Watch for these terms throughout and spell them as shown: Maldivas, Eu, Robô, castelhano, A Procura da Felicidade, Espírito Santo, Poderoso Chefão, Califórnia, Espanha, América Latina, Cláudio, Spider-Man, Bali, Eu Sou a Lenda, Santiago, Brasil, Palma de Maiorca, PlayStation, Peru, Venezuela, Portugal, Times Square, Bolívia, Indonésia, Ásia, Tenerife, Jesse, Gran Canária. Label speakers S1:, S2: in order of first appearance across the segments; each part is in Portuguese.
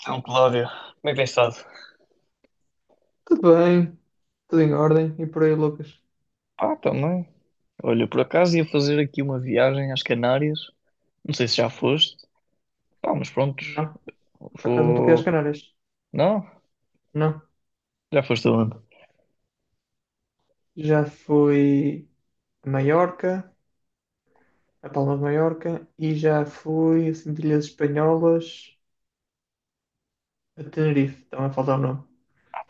S1: Então, Cláudio, bem pensado.
S2: Tudo bem, tudo em ordem. E por aí, Lucas?
S1: Ah, também. Olha, por acaso ia fazer aqui uma viagem às Canárias. Não sei se já foste. Pá, mas pronto.
S2: Não, por acaso não estou aqui às
S1: Vou.
S2: Canárias.
S1: Não?
S2: Não.
S1: Já foste aonde?
S2: Já fui a Maiorca, a Palma de Maiorca, e já fui a Ilhas Espanholas, a Tenerife. Então é falta o nome.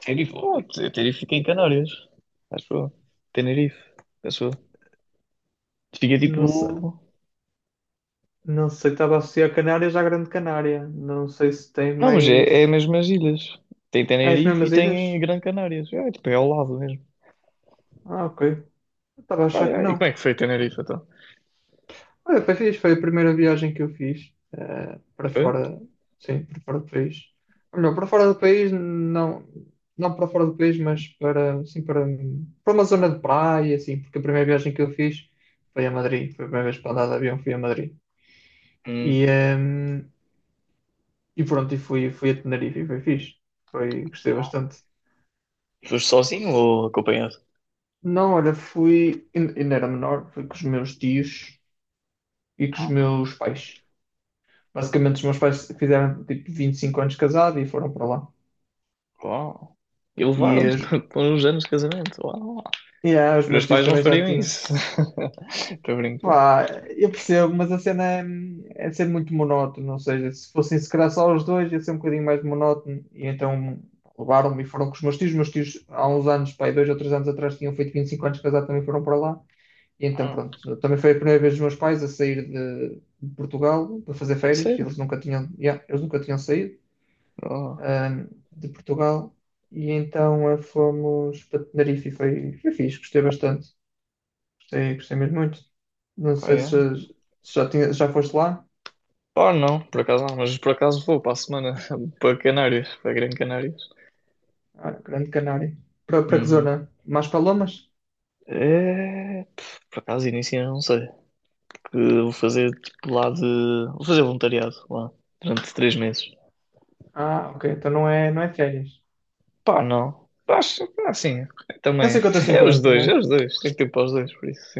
S1: Tenerife, oh, Tenerife fica em Canárias. Acho eu. Tenerife. Acho eu. Fica
S2: Não sei,
S1: tipo.
S2: não sei, estava a associar Canárias à Grande Canária. Não sei se tem
S1: Não, mas é
S2: mais.
S1: mesmo as ilhas. Tem
S2: Ah, as
S1: Tenerife e
S2: mesmas ilhas?
S1: tem Gran Canárias. É, tipo, é ao lado mesmo.
S2: Ah, ok. Estava a
S1: Pá,
S2: achar que
S1: é.
S2: não.
S1: E como é que foi Tenerife então?
S2: Olha, foi fixe, foi a primeira viagem que eu fiz para
S1: Foi?
S2: fora, sim, para fora do país. Ou melhor, para fora do país, não, não para fora do país, mas para, sim, para, para uma zona de praia, assim, porque a primeira viagem que eu fiz foi a Madrid, foi a primeira vez para andar de avião, fui a Madrid.
S1: Hum,
S2: E, ehm, e pronto, e fui, fui a Tenerife e foi fixe, foi, gostei bastante.
S1: foste sozinho ou acompanhado?
S2: Não, olha, fui, ainda era menor, fui com os meus tios e com os meus pais. Basicamente, os meus pais fizeram tipo 25 anos casados e foram para lá.
S1: Uau. E
S2: E,
S1: levaram-te
S2: os-
S1: com uns anos de casamento. Uau.
S2: e os
S1: Meus
S2: meus tios
S1: pais não
S2: também já
S1: fariam
S2: tinham.
S1: isso. Estou a brincar.
S2: Pá, eu percebo, mas a cena é, é ser muito monótono. Ou seja, se fossem se calhar só os dois, ia ser um bocadinho mais monótono. E então levaram-me e foram com os meus tios. Os meus tios, há uns anos, pá, aí dois ou três anos atrás, tinham feito 25 anos casados, também foram para lá. E então,
S1: Ah,
S2: pronto, também foi a primeira vez dos meus pais a sair de Portugal para fazer
S1: é
S2: férias. E eles
S1: sério?
S2: nunca tinham, yeah, eles nunca tinham saído.
S1: Oh,
S2: De Portugal e então fomos para Tenerife e foi, foi fixe, gostei bastante, gostei, gostei mesmo muito. Não
S1: oh,
S2: sei se
S1: yeah.
S2: já, se já, tinha, já foste lá,
S1: Oh, não, por acaso não, mas por acaso vou para a semana para Canárias, para Grande Canárias.
S2: ah, Grande Canária. Para, para que
S1: Uhum.
S2: zona? Mais para Lomas?
S1: É, por acaso início eu não sei. Que eu vou fazer tipo lá de. Vou fazer voluntariado lá durante 3 meses.
S2: Ah, ok, então não é, não é férias.
S1: Pá, não. Acho que assim,
S2: É um
S1: também.
S2: cinquenta a
S1: É os
S2: cinquenta,
S1: dois, é
S2: né?
S1: os dois. Tem que ter para os dois, por isso.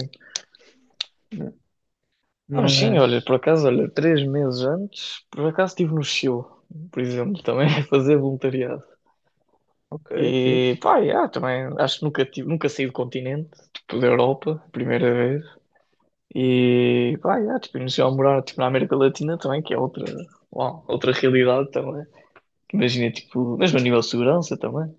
S1: Não, sim, olha,
S2: Mas,
S1: por acaso, olha, 3 meses antes, por acaso estive no Chile, por exemplo, também a fazer voluntariado.
S2: ok,
S1: E
S2: fixe.
S1: pá, yeah, também acho que nunca, tive, nunca saí do continente, tipo da Europa, primeira vez. E pá, yeah, tipo, iniciei a morar tipo, na América Latina também, que é outra, uau, outra realidade também. Imagina, tipo, mesmo a nível de segurança também.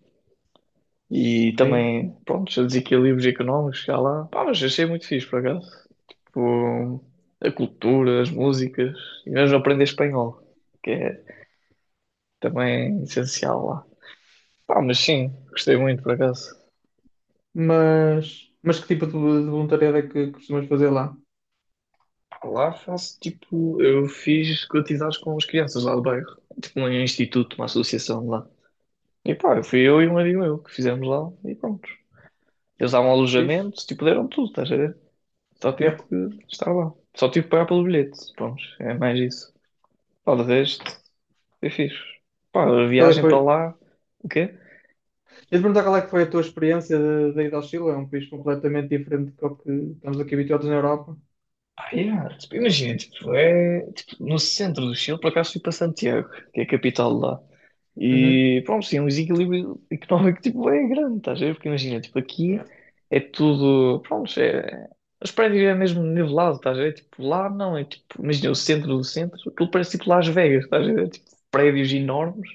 S1: E
S2: Sim.
S1: também, pronto, os desequilíbrios económicos, que há lá. Pá, mas achei muito fixe, por acaso. Tipo, a cultura, as músicas, e mesmo aprender espanhol, que é também essencial lá. Pá, mas sim, gostei muito, por acaso.
S2: Mas que tipo de voluntariado é que costumas fazer lá?
S1: Lá faço, tipo, eu fiz atividades com as crianças lá do bairro. Tipo, um instituto, uma
S2: Ok,
S1: associação lá. E pá, eu fui eu e um amigo meu que fizemos lá, e pronto. Eles davam
S2: fixe.
S1: alojamento, tipo, deram tudo, estás a ver? Só tive
S2: Yep.
S1: que estar lá. Só tive que pagar pelo bilhete, pronto, é mais isso. Pá, de resto, foi fixe. Pá, a
S2: E qual é que
S1: viagem
S2: foi?
S1: para lá, o quê?
S2: Eu te perguntar qual é que foi a tua experiência de ir ao Chile, é um país completamente diferente do que estamos aqui habituados na Europa.
S1: Ah, yeah, tipo, imagina, tipo, é tipo, no centro do Chile, por acaso fui para Santiago, que é a capital de lá.
S2: Uhum.
S1: E pronto, sim, é um desequilíbrio económico tipo, é grande, estás a ver? Porque imagina, tipo,
S2: Yeah,
S1: aqui é tudo, pronto, é, os prédios é mesmo nivelado, estás a ver? Tipo, lá não, é tipo, imagina o centro do centro, aquilo parece tipo Las Vegas, estás a ver? Tipo, prédios enormes,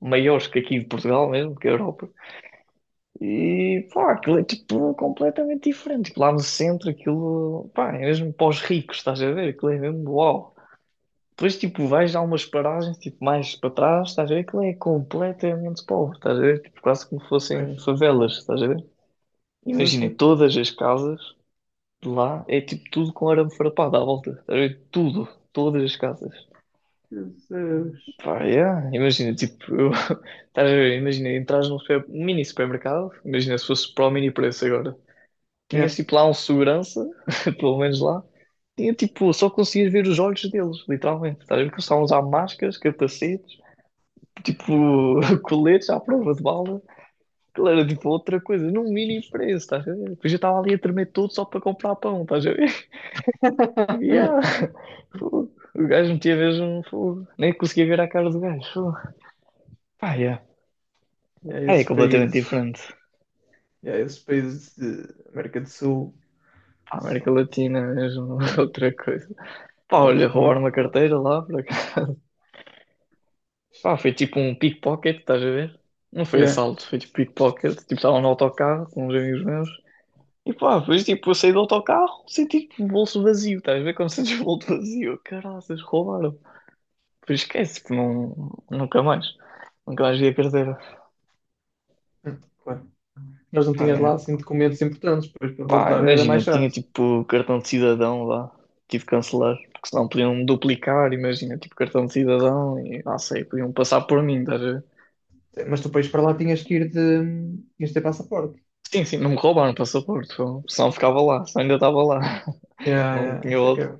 S1: maiores que aqui de Portugal mesmo, que a Europa. E pá, aquilo é tipo completamente diferente. Tipo, lá no centro, aquilo pá, é mesmo para os ricos, estás a ver? Aquilo é mesmo uau. Depois, tipo, vais a umas paragens tipo, mais para trás, estás a ver? Aquilo é completamente pobre, estás a ver? Tipo, quase como fossem
S2: pois.
S1: favelas, estás a ver?
S2: Sim,
S1: Imagina,
S2: sim.
S1: todas as casas de lá é tipo tudo com arame farpado à volta, estás a ver? Tudo, todas as casas.
S2: Jesus.
S1: Pá, yeah. Imagina, tipo, eu, estás a ver? Imagina, entras num mini supermercado, imagina se fosse para o mini preço agora. Tinha
S2: Yeah.
S1: tipo lá um segurança, pelo menos lá. Tinha tipo, só conseguias ver os olhos deles, literalmente. Estás a ver que eles estavam a usar máscaras, capacetes, tipo, coletes à prova de bala. Aquilo era tipo outra coisa, num mini preço, estás a ver? Depois eu estava ali a tremer todo só para comprar pão, estás a ver? Yeah. Fogo. O gajo metia mesmo fogo. Nem conseguia ver a cara do gajo. Fogo. Pá, yeah.
S2: Yeah,
S1: É
S2: esses
S1: completamente
S2: países,
S1: diferente.
S2: yeah, esses países de América do Sul
S1: Pá,
S2: são,
S1: América
S2: são,
S1: Latina é mesmo
S2: yeah,
S1: outra coisa. Pá,
S2: são,
S1: olha,
S2: são muito
S1: roubaram uma carteira
S2: problemáticos.
S1: lá, por acaso. Pá, foi tipo um pickpocket, estás a ver? Não foi
S2: Yeah.
S1: assalto, foi tipo pickpocket. Tipo, estava no autocarro com uns amigos meus. E pá, depois tipo, eu saí do autocarro, senti tipo o bolso vazio, estás a ver? Como sentes o bolso vazio. Caraças, roubaram. Depois esquece, tipo, não, nunca mais. Nunca mais vi a carteira.
S2: Claro. Nós não
S1: Pá,
S2: tínhamos
S1: é.
S2: lá assim documentos importantes, depois para
S1: Pá,
S2: voltar era mais
S1: imagina, tinha
S2: chato.
S1: tipo cartão de cidadão lá. Tive que cancelar, porque senão podiam duplicar, imagina, tipo cartão de cidadão e não sei, podiam passar por mim, estás a ver?
S2: Mas tu país para lá tinhas que ir de. Tinhas de ter passaporte.
S1: Sim, sim, não me roubaram o passaporte, senão ficava lá, senão ainda estava lá.
S2: Yeah,
S1: Não
S2: yeah,
S1: tinha
S2: isso é que é.
S1: outra.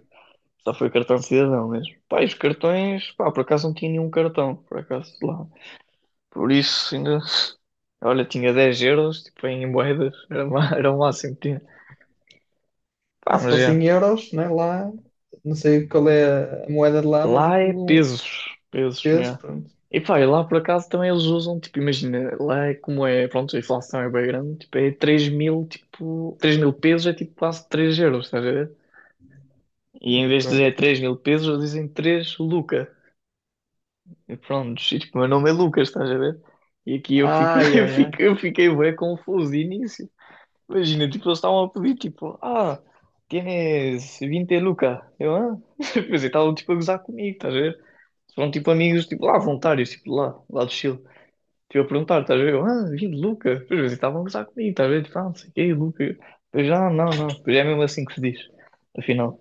S1: Só foi o cartão de cidadão mesmo. Pá, e os cartões, pá, por acaso não tinha nenhum cartão, por acaso lá. Por isso ainda. Olha, tinha 10 euros, tipo, em moedas, era, era o máximo que tinha. Pá,
S2: Não, se
S1: mas
S2: fosse
S1: é.
S2: em euros, né, lá, não sei qual é a moeda de lá, mas
S1: Lá é
S2: aquilo um
S1: pesos, pesos,
S2: peso,
S1: é.
S2: pronto.
S1: E pá, e lá por acaso também eles usam, tipo, imagina, lá é como é, pronto, a inflação é bem grande, tipo, é 3 mil, tipo, 3 mil pesos é tipo quase 3 euros, estás a ver? E em vez de
S2: Ok.
S1: dizer 3 mil pesos, eles dizem 3 lucas. E pronto, e, tipo, meu nome é Lucas, estás a ver? E aqui eu fico,
S2: Ai,
S1: eu
S2: ai, ai.
S1: fico, eu fiquei bem confuso início. Imagina, tipo, eles estavam a pedir, tipo, ah, tienes 20 lucas. Eu, ah? Quer dizer, estavam, tipo, a gozar comigo, estás a ver? São, tipo, amigos, tipo, lá, voluntários, tipo, lá do Chile. Tipo, a perguntar, estás a ver? Eu, ah, 20 lucas. Depois, eles estavam a gozar comigo, estás a ver? Tipo, ah, não sei o quê, lucas. Depois, ah, não, não. Depois é mesmo assim que se diz, afinal.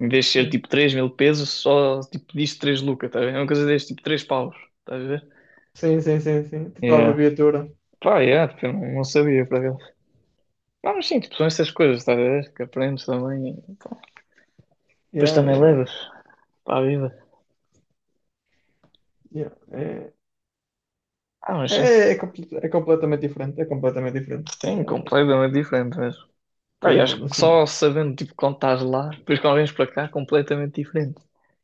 S1: Em vez de ser,
S2: É.
S1: tipo, 3 mil pesos, só, tipo, diz 3 lucas, estás a ver? É uma coisa deste, tipo, 3 paus, estás a ver?
S2: Sim, sim, sim, sim. Tipo a
S1: Yeah.
S2: abreviatura.
S1: Pá, yeah, tipo, eu não sabia para ver. Pá, mas sim, tipo, são essas coisas, estás a ver? Que aprendes também. E, pá, depois
S2: Yeah,
S1: também
S2: yeah,
S1: levas para a vida.
S2: yeah. É,
S1: Ah, mas sim.
S2: é, é completamente diferente. É completamente diferente.
S1: Sim,
S2: É,
S1: completamente diferente mesmo. Pá, e
S2: eu
S1: acho
S2: vou
S1: que só
S2: assim.
S1: sabendo, tipo, quando estás lá, depois quando vens para cá, completamente diferente.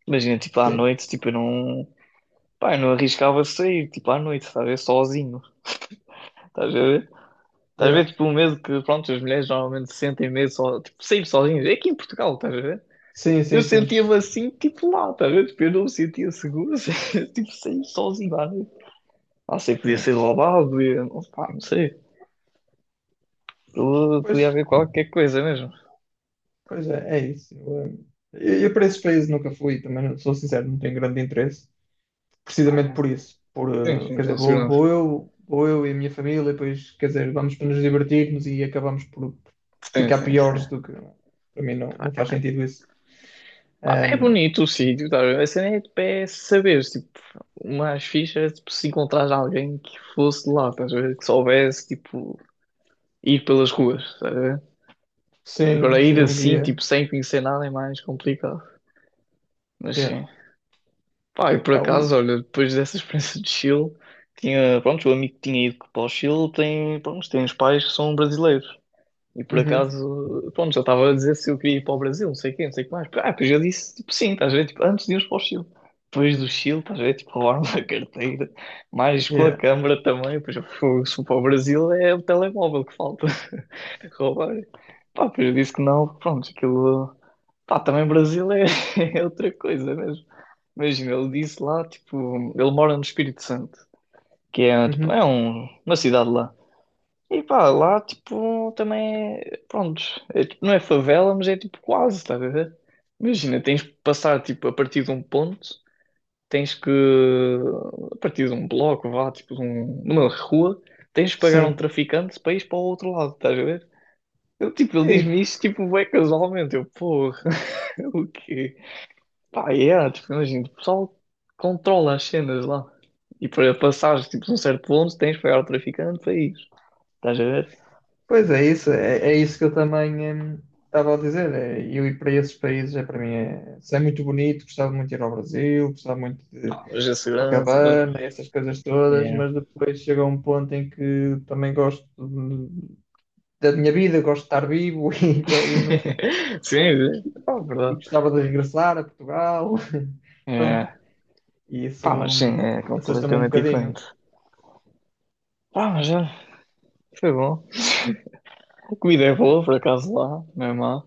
S1: Imagina, tipo, à
S2: Sim.
S1: noite, tipo, eu não. Pá, eu não arriscava sair, tipo, à noite, estás a ver? Sozinho. Estás a ver? Estás a
S2: Yeah.
S1: ver, tipo, o medo que, pronto, as mulheres normalmente sentem medo, só, tipo, sair sozinhas. É aqui em Portugal, estás a ver?
S2: Sim,
S1: Eu
S2: sim, sim.
S1: sentia-me assim, tipo lá, tá a ver? Tipo, eu não me sentia seguro, tipo, saí sozinho lá. Né? Ah, sei, podia
S2: Yeah.
S1: ser roubado, podia... não, pá, não sei. Eu- eh,
S2: Pois,
S1: Podia haver qualquer coisa mesmo.
S2: pois é, é isso. Eu para esses países nunca fui, também não- sou sincero, não tenho grande interesse. Precisamente por isso. Por,
S1: Sim, sim,
S2: quer
S1: pela
S2: dizer, vou,
S1: segurança.
S2: vou eu e a minha família, e depois, quer dizer, vamos para nos divertirmos e acabamos por
S1: Sim,
S2: ficar
S1: sim, sim.
S2: piores do que. Para mim não, não faz
S1: Pá,
S2: sentido isso.
S1: é
S2: Ahm,
S1: bonito o sítio, tá a ver? A cena é, tipo, é saber, tipo, umas fichas, tipo, se encontrares alguém que fosse de lá, estás a ver? Que soubesse, tipo, ir pelas ruas, estás a ver?
S2: sim,
S1: Agora ir
S2: sim, um
S1: assim, tipo,
S2: guia.
S1: sem conhecer nada é mais complicado. Mas
S2: Yeah.
S1: sim. Pá, e por
S2: Ah,
S1: acaso,
S2: um,
S1: olha, depois dessa experiência de Chile, tinha, pronto, o amigo que tinha ido para o Chile tem, pronto, tem uns pais que são brasileiros. E por
S2: uhum,
S1: acaso, pronto, já estava a dizer se eu queria ir para o Brasil, não sei o quê, não sei o que mais. Ah, depois eu disse, tipo, sim, estás a ver, tipo, antes de irmos para o Chile. Depois do Chile, estás a ver, tipo, roubaram-me a carteira, mais com a
S2: yeah,
S1: câmara também, depois eu fui se for para o Brasil, é o telemóvel que falta roubar. Pá, depois eu disse que não, pronto, aquilo... Pá, também Brasil é, é outra coisa mesmo. Imagina, ele disse lá, tipo, ele mora no Espírito Santo, que é, tipo, é
S2: uhum,
S1: uma cidade lá. E pá, lá, tipo, também é, pronto, é, tipo, não é favela, mas é tipo quase, estás a ver? Imagina, tens que passar, tipo, a partir de um ponto, tens que, a partir de um bloco, vá, tipo, de um, numa rua, tens que pagar a um
S2: sim.
S1: traficante para ir para o outro lado, estás a ver? Eu, tipo, ele diz-me
S2: Ei,
S1: isso, tipo, bem casualmente, eu, porra, o quê? Pá, e é, tipo, imagina, o pessoal controla as cenas lá. E para passares, tipo, de um certo ponto, tens de pagar ao traficante para ir. Estás a ver?
S2: pois é isso, é isso que eu também estava a dizer. É, eu ir para esses países é para mim é, se é muito bonito, gostava muito de ir ao Brasil, gostava muito de
S1: Mas a
S2: ao
S1: segurança, pá.
S2: Cavani, essas coisas todas,
S1: Yeah.
S2: mas depois chega um ponto em que também gosto de- da minha vida, gosto de estar vivo e, go- e, nunca,
S1: Sim, é. Ah,
S2: e
S1: verdade.
S2: gostava de regressar a Portugal. Pronto,
S1: É.
S2: e isso
S1: Pá, mas sim,
S2: hum,
S1: é
S2: assusta-me um
S1: completamente
S2: bocadinho.
S1: diferente. Pá, mas já, foi bom. A comida é boa, por acaso, lá, não é má.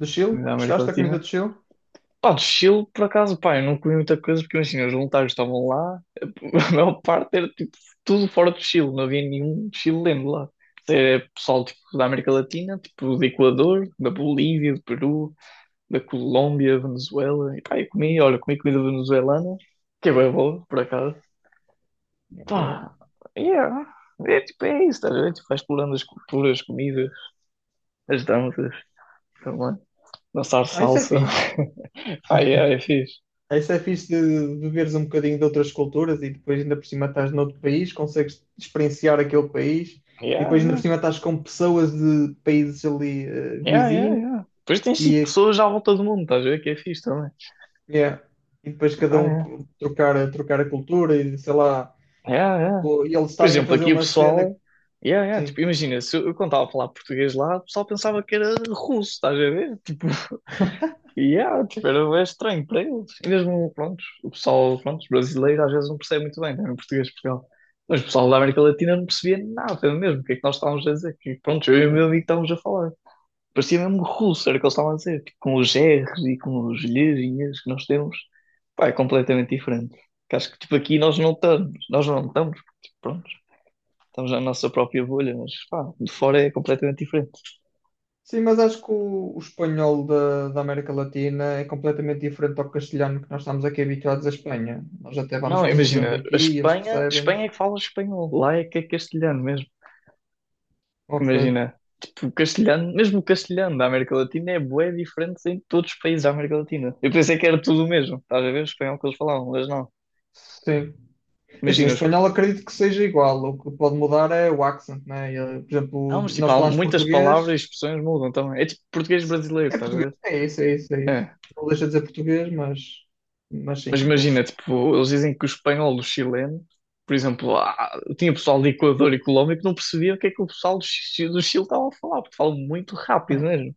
S2: Do Chile?
S1: Comida da América
S2: Gostaste da comida
S1: Latina.
S2: do Chile?
S1: Pá, de Chile, por acaso, pá, eu não comi muita coisa porque imagina, os voluntários estavam lá, a maior parte era tipo tudo fora do Chile, não havia nenhum chileno lá. É pessoal tipo, da América Latina, tipo do Equador, da Bolívia, do Peru, da Colômbia, Venezuela. E pá, eu comi, olha, comi comida venezuelana, que é bem boa, por acaso.
S2: Ok.
S1: Pá, yeah. É tipo, é isso, estás a ver? Tipo, vai explorando as culturas, as comidas, as danças, também. Dançar
S2: Ah, isso é
S1: salsa.
S2: fixe.
S1: Pá, yeah, é fixe.
S2: Ah, isso é fixe de veres um bocadinho de outras culturas e depois ainda por cima estás noutro país, consegues experienciar aquele país e depois ainda por
S1: Yeah,
S2: cima estás com pessoas de países ali
S1: yeah, yeah,
S2: vizinhos
S1: yeah. Depois tens tipo
S2: e
S1: pessoas à volta do mundo, estás a ver que é fixe também.
S2: yeah. E depois cada
S1: Ah,
S2: um
S1: yeah.
S2: co- trocar, a trocar a cultura e sei lá,
S1: Yeah, yeah.
S2: ou- e eles
S1: Por
S2: estarem a
S1: exemplo,
S2: fazer
S1: aqui o
S2: uma cena. Que-
S1: pessoal. Yeah, yeah.
S2: Sim,
S1: Tipo, imagina, se eu quando estava a falar português lá, o pessoal pensava que era russo, estás a ver? Tipo, yeah, tipo, era bué estranho para eles. E mesmo, pronto, o pessoal, pronto, brasileiro às vezes não percebe muito bem, né, em português de Portugal. Mas o pessoal da América Latina não percebia nada mesmo, o que é que nós estávamos a dizer. Que, pronto, eu e o
S2: yeah.
S1: meu amigo estávamos a falar. Parecia mesmo russo, era o que eles estavam a dizer, tipo, com os R's e com os lhezinhas que nós temos. Pá, é completamente diferente. Que acho que tipo, aqui nós não estamos, porque, tipo, pronto, estamos na nossa própria bolha, mas pá, de fora é completamente diferente.
S2: Sim, mas acho que o espanhol da, da América Latina é completamente diferente ao castelhano que nós estamos aqui habituados à Espanha. Nós até vamos
S1: Não,
S2: percebendo
S1: imagina, a
S2: aqui e eles
S1: Espanha,
S2: percebem-nos.
S1: Espanha é que fala espanhol, lá é que é castelhano mesmo.
S2: Ok,
S1: Imagina, tipo, o castelhano, mesmo o castelhano da América Latina é bué diferente em todos os países da América Latina. Eu pensei que era tudo o mesmo, estás a ver o espanhol que eles falavam, mas não.
S2: sim. É assim, o
S1: Imagina, os...
S2: espanhol acredito que seja igual. O que pode mudar é o accent, né? E, por exemplo,
S1: Não, mas tipo,
S2: nós
S1: há
S2: falamos
S1: muitas palavras
S2: português.
S1: e expressões mudam também. É tipo português brasileiro,
S2: É
S1: estás a
S2: português,
S1: ver?
S2: é isso, é isso, é isso.
S1: É.
S2: Não deixa de dizer português, mas
S1: Mas
S2: sim,
S1: imagina,
S2: eles.
S1: tipo, eles dizem que o espanhol, do chileno, por exemplo, ah, tinha pessoal de Equador e Colômbia que não percebia o que é que o pessoal do, do Chile estava a falar, porque falam muito rápido mesmo.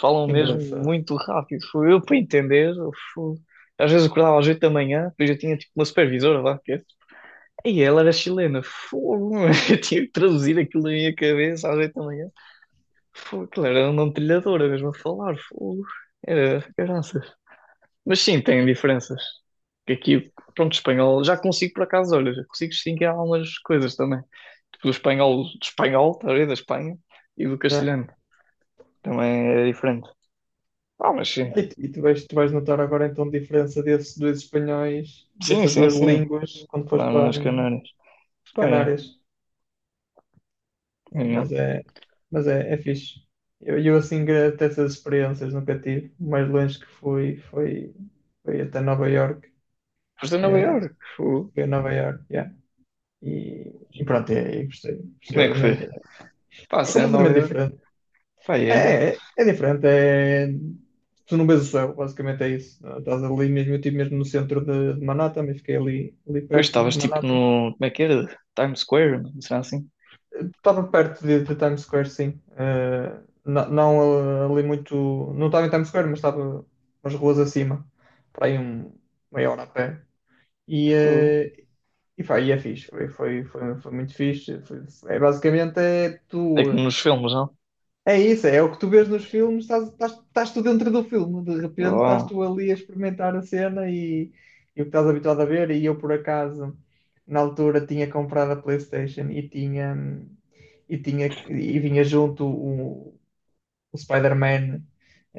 S1: Falam
S2: Que
S1: mesmo
S2: engraçado.
S1: muito rápido. Foi eu para entender. Às vezes acordava às oito da manhã, depois eu tinha tipo uma supervisora lá, que é. E ela era chilena, fogo, eu tinha que traduzir aquilo na minha cabeça às oito da manhã. Fogo, aquilo era um nome de trilhadora mesmo a falar. Fogo. Era caraças. Mas sim, tem diferenças. Que aqui, pronto, espanhol, já consigo por acaso, olha, já consigo distinguir algumas coisas também. Tipo, do espanhol, tá a ver, da Espanha, e do
S2: É.
S1: castelhano. Também é diferente. Ah, mas sim.
S2: E tu vais notar agora então a diferença desses dois espanhóis,
S1: Sim,
S2: dessas
S1: sim,
S2: duas
S1: sim.
S2: línguas, quando fores
S1: Lá
S2: para
S1: nas Canárias.
S2: as
S1: Pá, é.
S2: Canárias. É,
S1: É.
S2: mas é, mas é, é fixe. Eu assim grato essas experiências, nunca tive. O mais longe que fui foi, foi até Nova York.
S1: Foste a Nova
S2: É,
S1: Iorque. Fogo.
S2: foi a Nova York, yeah. E, e pronto, é, e gostei,
S1: E
S2: gostei,
S1: como é que foi?
S2: obviamente.
S1: Pá,
S2: É
S1: se é a Nova
S2: completamente
S1: Iorque.
S2: diferente.
S1: Pá,
S2: É,
S1: é.
S2: é, é diferente, é tu não vês o céu, basicamente é isso. Estás ali mesmo, eu estive mesmo no centro de Manhattan, mas fiquei ali, ali
S1: Depois
S2: perto
S1: estavas
S2: de
S1: tipo
S2: Manhattan.
S1: no. Como é que era? Times Square, não será assim?
S2: Estava perto de Times Square, sim. Não, ali muito, não estava em Times Square, mas estava umas ruas acima, para aí um, meia hora a pé. E,
S1: Fogo.
S2: eh, e, pá, e é fixe, foi, foi, foi, foi muito fixe. Foi- é, basicamente é
S1: É como
S2: tu.
S1: nos filmes, não?
S2: É isso, é o que tu vês nos filmes, estás, estás, estás tu dentro do filme, de repente estás
S1: Boa.
S2: tu ali a experimentar a cena e o que estás habituado a ver. E eu, por acaso, na altura tinha comprado a PlayStation e tinha e, tinha, e vinha junto o Spider-Man.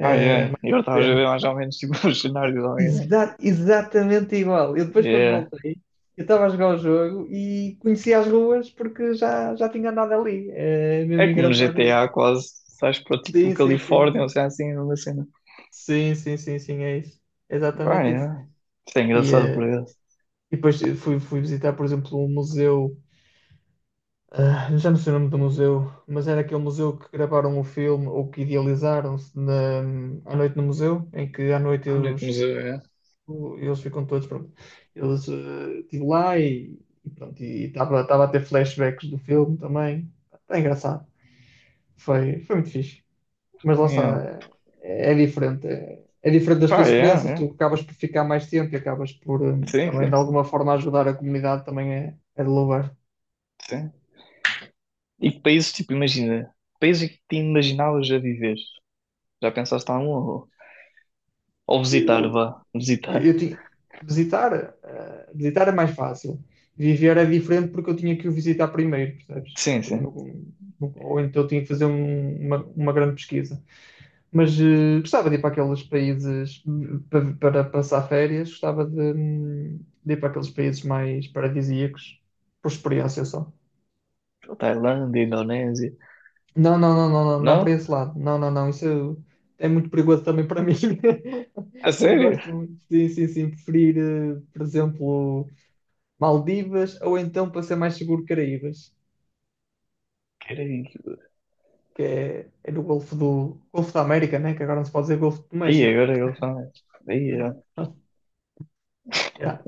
S1: Ai, ai. Eu estava a ver mais ou menos tipo os cenários ao mesmo.
S2: Exa- exatamente igual. Eu depois, quando
S1: É,
S2: voltei, eu estava a jogar o jogo e conhecia as ruas porque já, já tinha andado ali. É mesmo
S1: é como no
S2: engraçado isso.
S1: GTA quase. Sais para tipo
S2: Sim, sim, sim.
S1: Califórnia, ou seja, assim, uma cena.
S2: Sim, sim, sim, sim, é isso. É
S1: Pá,
S2: exatamente isso.
S1: é. Isto é
S2: E,
S1: engraçado
S2: eh,
S1: por isso.
S2: e depois fui, fui visitar, por exemplo, um museu, ah, já não sei o nome do museu, mas era aquele museu que gravaram o filme ou que idealizaram-se na, à noite no museu, em que à noite
S1: Olha como se
S2: eles,
S1: vê.
S2: o- eles ficam todos, pronto. Eles estive lá e pronto, e estava estava a ter flashbacks do filme também. É engraçado. Foi, foi muito fixe. Mas lá
S1: É. É.
S2: está, é, é diferente. É, é diferente das
S1: Pá,
S2: tuas
S1: é,
S2: experiências, tu
S1: é.
S2: acabas por ficar mais tempo e acabas por
S1: Sim,
S2: também de
S1: sim, sim,
S2: alguma forma ajudar a comunidade, também é, é de louvar.
S1: sim. E que países, tipo, imagina. Países é que te imaginavas a viver. Já pensaste em algum? Ou visitar,
S2: Eh,
S1: vá. Visitar.
S2: Eu tinha, visitar, visitar é mais fácil. Viver é diferente porque eu tinha que o visitar primeiro, percebes?
S1: Sim,
S2: Porque
S1: sim.
S2: não- não- ou então eu tinha que fazer um- uma grande pesquisa. Mas gostava de ir para aqueles países para, para passar férias, gostava de ir para aqueles países mais paradisíacos, por experiência só.
S1: Tailândia, Indonésia.
S2: Não, não, não, não, não, não para
S1: Não?
S2: esse lado. Não, não, não, isso é muito perigoso também para mim.
S1: A
S2: Não
S1: sério?
S2: gosto muito. Sim, sim, sim, preferir, por exemplo. Maldivas, ou então, para ser mais seguro, Caraíbas,
S1: Querem.
S2: que é, é no Golfo do Golfo da América, né? Que agora não se pode dizer Golfo do
S1: Aí
S2: México.
S1: agora eu falo. Aí,
S2: Yeah,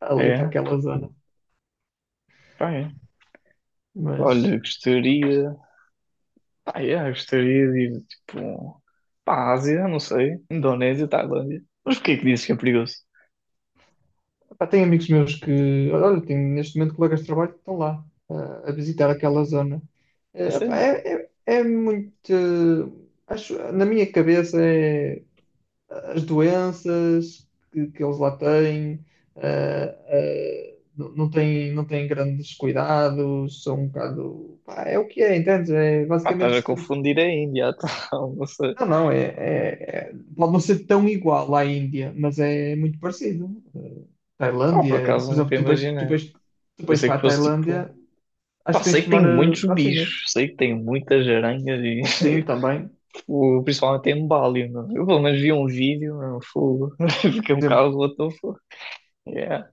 S2: ali para
S1: é.
S2: aquela zona.
S1: Pá, é.
S2: Mas
S1: Olha, gostaria. Pá, é, gostaria de ir tipo. Pá, à Ásia, não sei. Indonésia, Tailândia. Mas porquê que dizes que é perigoso?
S2: pá, tenho amigos meus que, olha, tenho neste momento colegas de trabalho que estão lá a visitar aquela zona.
S1: A
S2: Pá,
S1: sério?
S2: é, é, é muito. Acho, na minha cabeça é as doenças que eles lá têm, eh, não não têm, não têm grandes cuidados, são um bocado. Pá, é o que é, entendes? É
S1: Pá, estás
S2: basicamente
S1: a
S2: se tu.
S1: confundir a Índia, então, não sei.
S2: Não, não, é, é- é- pode não ser tão igual à Índia, mas é muito parecido.
S1: Pá, por
S2: Tailândia, por
S1: acaso
S2: exemplo,
S1: nunca
S2: tu vais, tu
S1: imaginei.
S2: vais, tu
S1: Eu
S2: vais
S1: sei
S2: para
S1: que
S2: a
S1: fosse tipo.
S2: Tailândia, acho
S1: Pá,
S2: que tens
S1: sei
S2: de
S1: que
S2: tomar
S1: tem muitos
S2: vacinas.
S1: bichos, sei que tem muitas aranhas e
S2: Sim, também
S1: tipo, principalmente em Bali, não é? Eu pelo menos vi um vídeo, não fogo. Fiquei um bocado what the fuck. Yeah,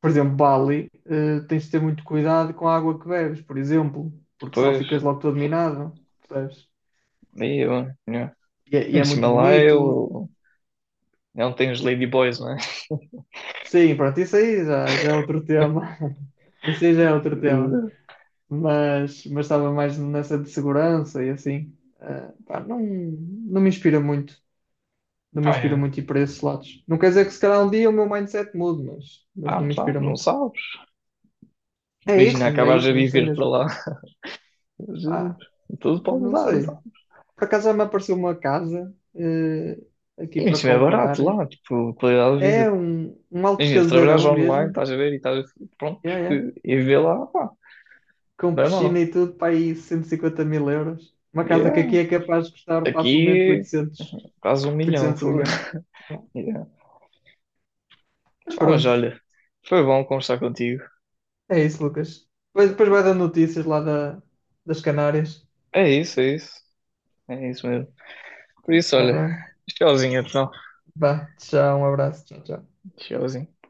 S2: por exemplo, Bali, tens de ter muito cuidado com a água que bebes, por exemplo, porque senão
S1: pois,
S2: ficas logo todo minado, percebes?
S1: aí eu, yeah.
S2: E
S1: Em
S2: é
S1: cima
S2: muito
S1: lá
S2: bonito.
S1: eu... Não tem os ladyboys, não é?
S2: Sim, pronto, isso aí já, já é outro tema. Isso aí já é outro tema.
S1: Eh,
S2: Mas estava mais nessa de segurança e assim. Pá, não, não me inspira muito. Não me
S1: Ah,
S2: inspira
S1: é.
S2: muito ir para esses lados. Não quer dizer que se calhar um dia o meu mindset mude, mas
S1: Ah,
S2: não
S1: não
S2: me inspira
S1: sabes, não
S2: muito.
S1: sabes. Imagina,
S2: É
S1: acabares a
S2: isso, não sei
S1: viver para
S2: mesmo.
S1: lá. Jesus,
S2: Ah,
S1: tudo pode
S2: não
S1: mudar, não
S2: sei.
S1: sabes?
S2: Por acaso já me apareceu uma casa
S1: E
S2: aqui para
S1: é barato
S2: comprar.
S1: lá, tipo, qualidade de vida.
S2: É um, um alto
S1: Imagina, se trabalhares
S2: casarão
S1: online,
S2: mesmo.
S1: estás a ver e estás a... Pronto,
S2: Yeah, yeah.
S1: e viver lá, pá,
S2: Com
S1: não é
S2: piscina
S1: mal.
S2: e tudo, para aí 150 mil euros. Uma casa que
S1: Yeah.
S2: aqui é capaz de custar facilmente
S1: Aqui,
S2: 800,
S1: quase 1 milhão,
S2: 800 um
S1: fogo.
S2: milhão. Yeah.
S1: Yeah.
S2: Mas
S1: Pá, mas
S2: pronto,
S1: olha, foi bom conversar contigo.
S2: é isso, Lucas. Depois, depois vai dar notícias lá da, das Canárias.
S1: É isso, é isso. É isso mesmo. Por isso,
S2: Tá
S1: olha,
S2: bem?
S1: tchauzinho, então.
S2: Vá, tchau, um abraço. Tchau, tchau.
S1: Tchauzinho.